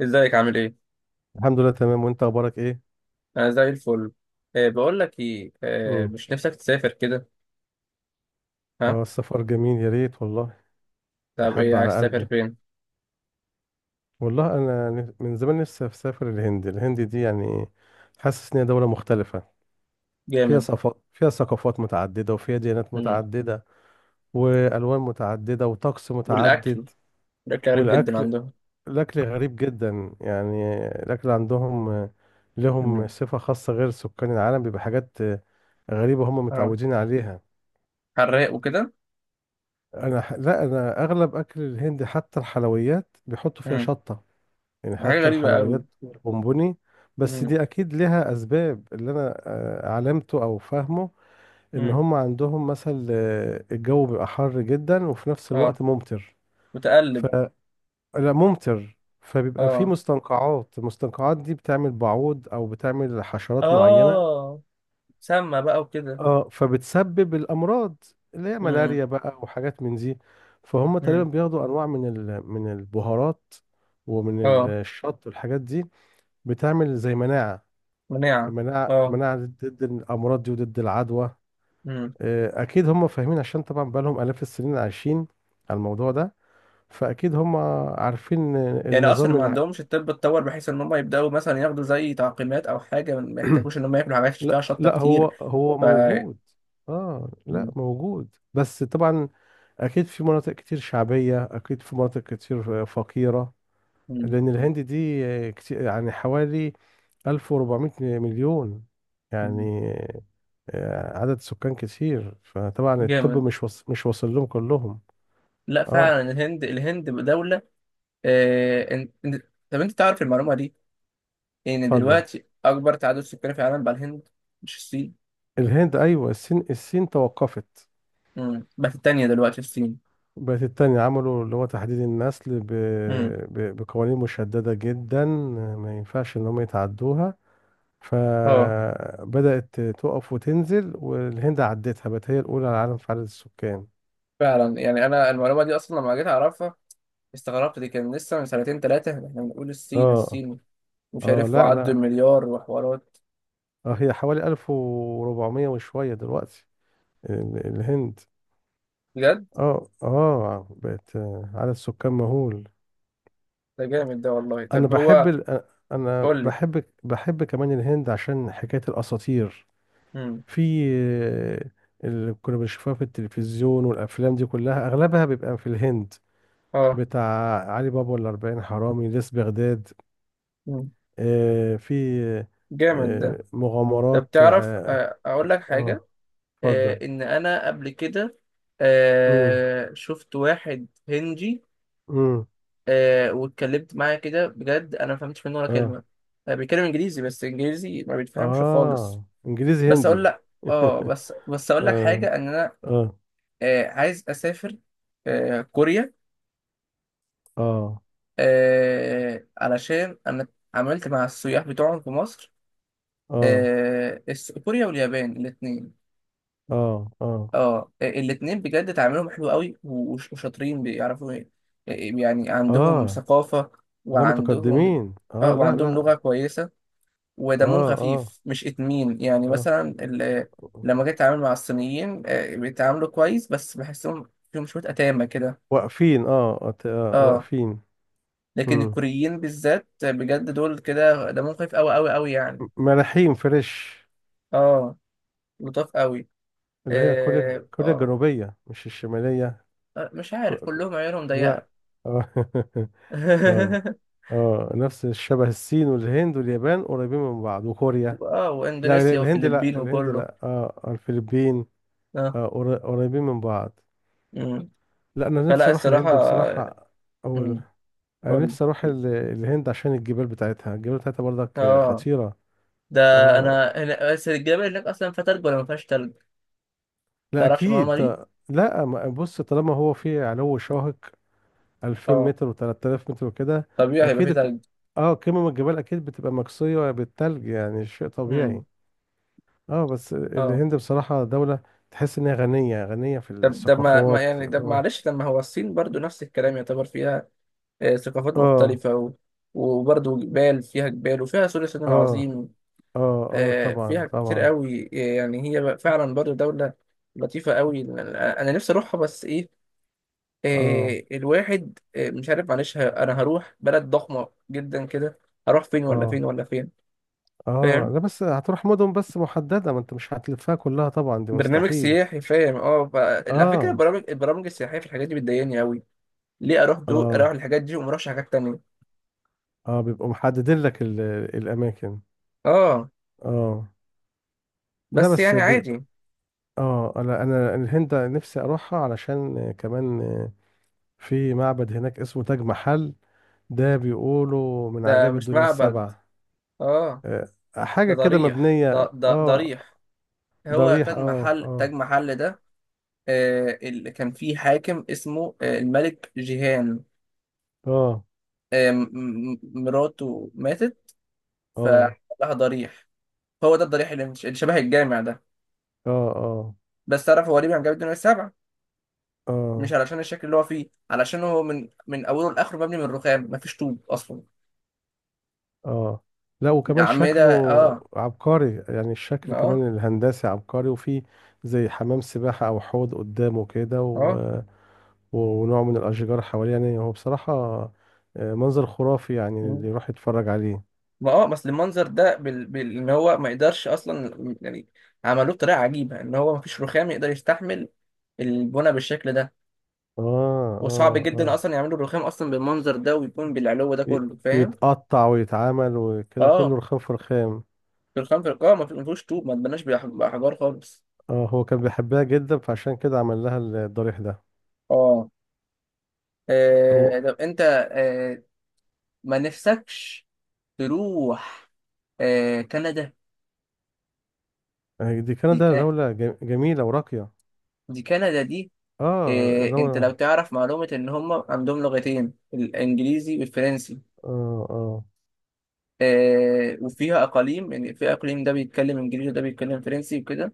ازيك عامل ايه؟ الحمد لله، تمام. وانت اخبارك ايه؟ انا زي الفل. أه بقول لك ايه، امم مش نفسك تسافر كده؟ ها؟ اه، السفر جميل، يا ريت والله. طب، احب ايه على عايز تسافر قلبي. فين؟ والله انا من زمان نفسي اسافر الهند. الهند دي يعني حاسس ان هي دوله مختلفه. فيها جامد. صفات، فيها ثقافات متعدده، وفيها ديانات مم. متعدده، والوان متعدده، وطقس والاكل متعدد. الاكل غريب جدا والاكل، عندهم. الاكل غريب جدا. يعني الاكل عندهم لهم مم. صفه خاصه غير سكان العالم. بيبقى حاجات غريبه هم اه، متعودين عليها. حراق وكده. لا، انا اغلب اكل الهند حتى الحلويات بيحطوا فيها مم. شطة. يعني حاجة حتى غريبة قوي. الحلويات بونبوني. بس مم. دي اكيد لها اسباب اللي انا علمته او فاهمه. ان مم. هم عندهم مثلا الجو بيبقى حر جدا وفي نفس اه، الوقت ممطر. متقلب. ف لا، ممطر فبيبقى في اه، مستنقعات. المستنقعات دي بتعمل بعوض او بتعمل حشرات معينة. اه، سمنة بقى وكده. اه، فبتسبب الامراض اللي هي مم. ملاريا بقى وحاجات من دي. فهم تقريبا مم. بياخدوا انواع من البهارات ومن اه، الشط والحاجات دي. بتعمل زي مناعه. مناعة. مناعه، اه، مناعه ضد الامراض دي وضد العدوى. اكيد هم فاهمين عشان طبعا بقالهم الاف السنين عايشين على الموضوع ده. فاكيد هم عارفين يعني اصلا النظام ما عندهمش الطب اتطور بحيث ان هم يبداوا مثلا ياخدوا زي تعقيمات او حاجه، ما يحتاجوش ان هم ياكلوا حاجات فيها لا شطه لا، هو كتير؟ هو ف موجود. اه، لا م- موجود، بس طبعا أكيد في مناطق كتير شعبية، أكيد في مناطق كتير فقيرة. م- لأن الهند دي كتير، يعني حوالي 1400 مليون، م- يعني عدد سكان كتير. فطبعا الطب جامد. مش واصل لهم كلهم. لا، اه، فعلا الهند الهند دوله. طب، انت تعرف المعلومه دي، ان اتفضل. دلوقتي اكبر تعداد سكاني في العالم بقى الهند، مش الصين؟ الهند أيوة. الصين، الصين توقفت، م. بس التانيه دلوقتي الصين. بقت التانية. عملوا اللي هو تحديد النسل م. بقوانين مشددة جدا، ما ينفعش إن هم يتعدوها. اه، فبدأت تقف وتنزل، والهند عدتها بقت هي الأولى على العالم في عدد السكان. فعلا، يعني انا المعلومه دي اصلا لما جيت اعرفها استغربت، دي كان لسه من سنتين ثلاثه احنا بنقول الصين اه، الصين. مش اه، عارف، لا وعدوا لا، المليار وحوارات. اه، هي حوالي 1400 وشوية دلوقتي الهند. بجد. اه، اه، بقت عدد سكان مهول. ده جامد ده والله. انا طب بحب هو. ال... آه، انا قول لي. بحب بحب كمان الهند عشان حكاية الأساطير. امم. في آه، اللي كنا بنشوفها في التلفزيون والأفلام دي كلها أغلبها بيبقى في الهند. اه. بتاع علي بابا والأربعين حرامي، ليس بغداد. مم. آه، في جامد ده. آه، طب مغامرات تعرف، اقول لك حاجه، اه، اتفضل. ان انا قبل كده امم شفت واحد هندي، امم واتكلمت معاه كده، بجد انا ما فهمتش منه ولا اه، كلمه. بيتكلم انجليزي، بس انجليزي ما بيتفهمش خالص. اه، انجليزي بس اقول هندي. لك، اه، بس اقول لك اه، حاجه ان انا اه. عايز اسافر كوريا، اه، علشان انا عملت مع السياح بتوعهم في مصر. اه، كوريا واليابان الاثنين. اه، اه. اه، الاثنين بجد تعاملهم حلو قوي وشاطرين بيعرفوا يعني عندهم اه، ثقافة ده وعندهم. متقدمين. اه، اه، لا وعندهم لا. لغة كويسة، ودمهم اه، اه، خفيف، مش اتمين، يعني اه، مثلا لما جيت اتعامل مع الصينيين، بيتعاملوا كويس، بس بحسهم فيهم شوية أتامة كده. واقفين. اه، اه. واقفين. لكن امم الكوريين بالذات، بجد دول كده دمهم خفيف قوي قوي قوي، يعني. ملاحين فريش. اه، لطاف قوي. اللي هي كوريا، اه. كوريا الجنوبية مش الشمالية. مش كو... عارف كو... كلهم عيونهم لا. ضيقة. آه. اه، اه، نفس الشبه الصين والهند واليابان قريبين من بعض وكوريا. اه، لا، واندونيسيا الهند، وفلبين لا، الهند وكله. لا، اه، الفلبين. اه. قريبين من بعض. مم. لا، انا فلا نفسي اروح الصراحة. الهند بصراحة. اول مم. انا قول نفسي اروح لي. الهند عشان الجبال بتاعتها الجبال بتاعتها برضك اه. خطيرة. ده اه، انا هنا، بس الجبل هناك اصلا فيها تلج ولا ما فيهاش تلج؟ لا تعرفش اكيد، المعلومة دي؟ لا بص، طالما هو في علو شاهق 2000 اه، متر و3000 متر وكده، طبيعي هيبقى اكيد فيه الك- تلج. اه، قمم الجبال اكيد بتبقى مكسية بالثلج، يعني شيء طبيعي. مم. اه، بس اه، الهند بصراحة دولة تحس إن هي غنية، غنية في طب ده الثقافات. يعني ده، اه، معلش، لما هو الصين برضو نفس الكلام يعتبر فيها ثقافات اه، مختلفة وبرضو جبال، فيها جبال وفيها سور الصين اه، العظيم. اه، اه، طبعا فيها كتير طبعا. قوي، يعني هي بقى فعلا برضه دولة لطيفة قوي. أنا نفسي أروحها، بس إيه، اه، الواحد مش عارف، معلش أنا هروح بلد ضخمة جدا كده، هروح فين ولا اه، فين ولا فين؟ اه، فاهم. لا بس هتروح مدن بس محددة. ما انت مش هتلفها كلها طبعا، دي برنامج مستحيل. سياحي، فاهم. اه، على فكرة، اه، البرامج السياحية في الحاجات دي بتضايقني قوي. ليه أروح اه، الحاجات دي وما أروحش حاجات تانية؟ اه، بيبقوا محددين لك الأماكن. اه، اه، لا بس بس يعني عادي. اه، انا الهند نفسي اروحها علشان كمان في معبد هناك اسمه تاج محل. ده بيقولوا من ده عجائب مش الدنيا معبد. السبع. اه، آه، ده حاجة كده ضريح، ده مبنية. ده اه، ضريح. هو ضريح. تاج اه، محل، تاج اه، محل ده، اللي كان في حاكم اسمه، الملك جيهان. اه، آه، م- مراته ماتت، اه، فلها ضريح. هو ده الضريح اللي مش- اللي شبه الجامع ده. اه، اه، بس تعرف هو ليه بيعمل جامعة الدنيا السبع؟ مش اه، علشان الشكل اللي هو فيه، علشان هو من اوله لاخره مبني من رخام، مفيش طوب اصلا. اه. لا، وكمان الأعمدة. شكله اه. عبقري. يعني الشكل اه. كمان الهندسي عبقري، وفي زي حمام سباحة أو حوض قدامه كده، اه. ونوع من الأشجار حواليه. يعني هو بصراحة منظر خرافي، يعني مم. اللي يروح يتفرج عليه. ما، اه، بس المنظر ده، ان هو ما يقدرش اصلا، يعني عملوه بطريقه عجيبه، ان هو مفيش رخام يقدر يستحمل البنى بالشكل ده. اه، وصعب اه، جدا اه، اصلا يعملوا برخام اصلا بالمنظر ده ويكون بالعلو ده ي- كله، فاهم؟ يتقطع ويتعمل وكده، اه، كله رخام في رخام. برخام في القاع، ما فيهوش طوب، ما اتبناش باحجار خالص. اه، هو كان بيحبها جدا فعشان كده عمل لها الضريح ده. اه. هو طب انت آه ما نفسكش تروح كندا؟ آه، دي دي كندا، كا... دولة جميلة وراقية. دي كندا دي. اه، انت لو دولة. تعرف معلومة، ان هم عندهم لغتين، الانجليزي والفرنسي. اه، اه، وفيها اقاليم، يعني في اقليم ده بيتكلم انجليزي وده بيتكلم فرنسي وكده.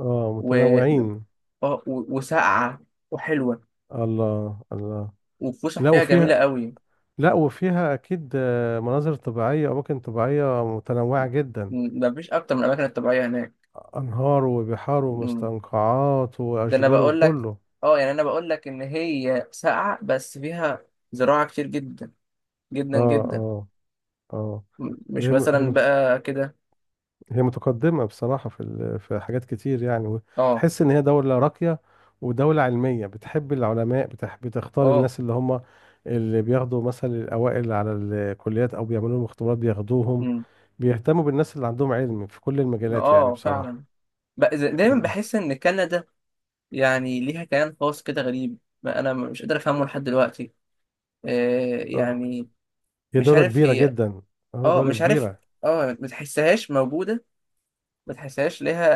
اه، و... متنوعين. وساقعة وحلوة، الله الله. والفسح لا، فيها جميلة وفيها. قوي. لا، وفيها اكيد مناظر طبيعية، اماكن طبيعية متنوعة جدا. مفيش أكتر من الأماكن الطبيعية هناك. انهار وبحار م. ومستنقعات ده أنا واشجار بقول لك، وكله. أه يعني أنا بقول لك إن هي ساقعة بس فيها زراعة كتير جدا، جدا اه، جدا. اه، اه، مش هي مثلا بقى كده. هي متقدمة بصراحة في في حاجات كتير يعني. أه. تحس إن هي دولة راقية، ودولة علمية بتحب العلماء، بتحب بتختار أه. الناس اللي هم اللي بياخدوا مثلا الأوائل على الكليات، أو بيعملوا لهم اختبارات بياخدوهم. م. بيهتموا بالناس اللي عندهم علم في كل المجالات، يعني أه، بصراحة. فعلا. بقى دايما مم. بحس إن كندا يعني ليها كيان خاص كده غريب، ما أنا مش قادر أفهمه لحد دلوقتي. آه. يعني، هي مش دولة عارف كبيرة هي. جدا. اه، أه، دولة مش عارف. كبيرة. أه، ما تحسهاش موجودة، ما تحسهاش ليها.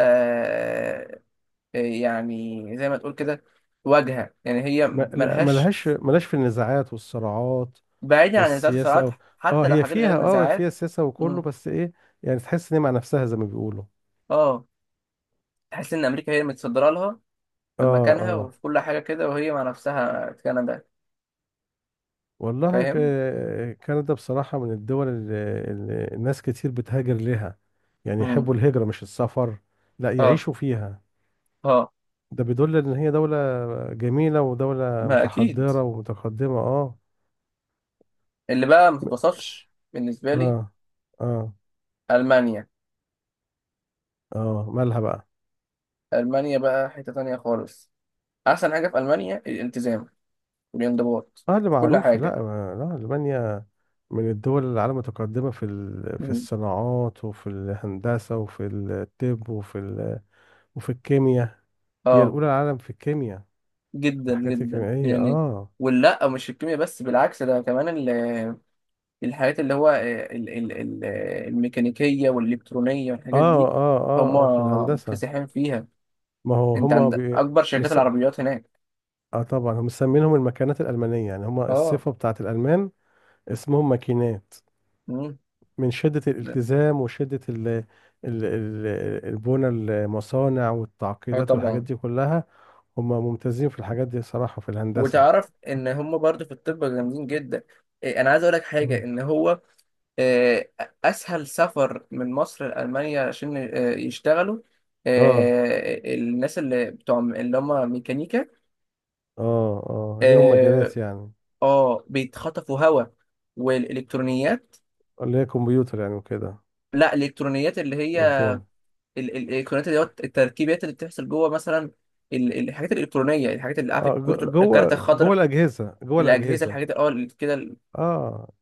يعني زي ما تقول كده واجهة، يعني هي ملهاش. ملهاش في النزاعات والصراعات بعيدا عن النزاعات والسياسة والصراعات، أو. اه، حتى لو هي حاجات غير فيها النزاعات. سياسة وكله، مم. بس ايه، يعني تحس ان هي مع نفسها زي ما بيقولوا. اه، تحس ان امريكا هي اللي متصدره لها اه، في مكانها اه، وفي كل حاجه كده، وهي مع نفسها كندا. والله فاهم. كندا بصراحة من الدول اللي الناس كتير بتهاجر لها. يعني مم. يحبوا الهجرة مش السفر، لا اه. يعيشوا فيها. اه. ده بيدل ان هي دولة جميلة ودولة ما اكيد، متحضرة ومتقدمة. اه. اللي بقى ما تتوصفش بالنسبه لي اه، اه، المانيا. اه، مالها بقى. المانيا بقى حته تانية خالص. احسن حاجه في المانيا الالتزام والانضباط اه، اللي في كل معروف. لا، حاجه. لا، ألمانيا من الدول اللي العالم متقدمة في في مم. الصناعات وفي الهندسة وفي الطب وفي الكيمياء. هي اه، الأولى العالم في الكيمياء، جدا الحاجات جدا الكيميائية. يعني. اه، ولا، مش الكيمياء بس، بالعكس ده كمان الحاجات اللي هو الميكانيكية والإلكترونية اه، والحاجات دي. اه، هم اه، في الهندسة. مكتسحين فيها. ما هو انت هما عند بي... أكبر شركات مس... العربيات هناك. اه، طبعا هم مسمينهم المكانات الألمانية. يعني هما اه. الصفة بتاعت الألمان اسمهم ماكينات، امم من شدة لا، الالتزام وشدة ال... البنى، المصانع، اه والتعقيدات والحاجات طبعا. دي كلها. هما ممتازين في الحاجات دي صراحة في الهندسة. وتعرف ان هم برضو في الطب جامدين جدا. إيه، انا عايز اقول لك حاجه، مم. ان هو آه، اسهل سفر من مصر لالمانيا عشان يشتغلوا، اه، الناس اللي بتوع اللي هم ميكانيكا. اه، اه، ليهم مجالات اه. يعني. بيتخطفوا هواء، والالكترونيات. اللي هي كمبيوتر يعني وكده لا، الالكترونيات اللي هي وبتاع. الالكترونيات اللي هو التركيبات اللي بتحصل جوه مثلا، الحاجات الالكترونيه، الحاجات اللي عارف، اه، ج- الكارت جوه جوه الخضراء، الأجهزة، جوه الاجهزه، الأجهزة. الحاجات، اه، اللي كده. اه،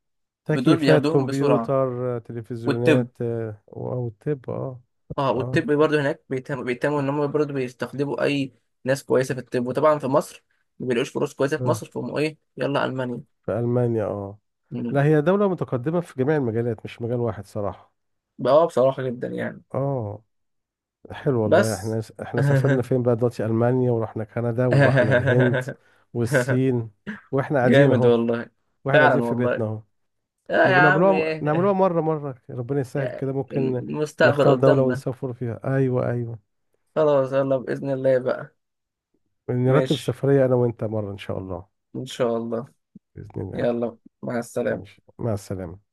دول تكييفات، بياخدوهم بسرعه، كمبيوتر، والطب. تلفزيونات، او الطب. اه، اه، اه، والطب برضه هناك بيتهموا ان هم برضه بيستخدموا اي ناس كويسه في الطب، وطبعا في مصر ما بيلاقوش فرص كويسه في آه، مصر، فهم ايه، يلا المانيا. في المانيا. اه، مم. لا، هي دولة متقدمة في جميع المجالات مش مجال واحد صراحة. بقى بصراحه جدا يعني. اه، حلو والله. بس. احنا سافرنا فين بقى دلوقتي؟ المانيا، ورحنا كندا، ورحنا الهند، والصين، واحنا قاعدين جامد اهو، والله. واحنا قاعدين فعلا في والله. بيتنا اهو. لا يا نبقى عم، نعملوها، نعملوها ايه. مرة مرة ربنا يسهل يعني كده ممكن. المستقبل نختار دولة قدامنا. ونسافر فيها. ايوه، ايوه، خلاص يلا بإذن الله بقى. نرتب ماشي. سفرية انا وانت مرة ان شاء الله. إن شاء الله. بإذن الله. يلا. مع السلامة. ماشي، مع السلامة.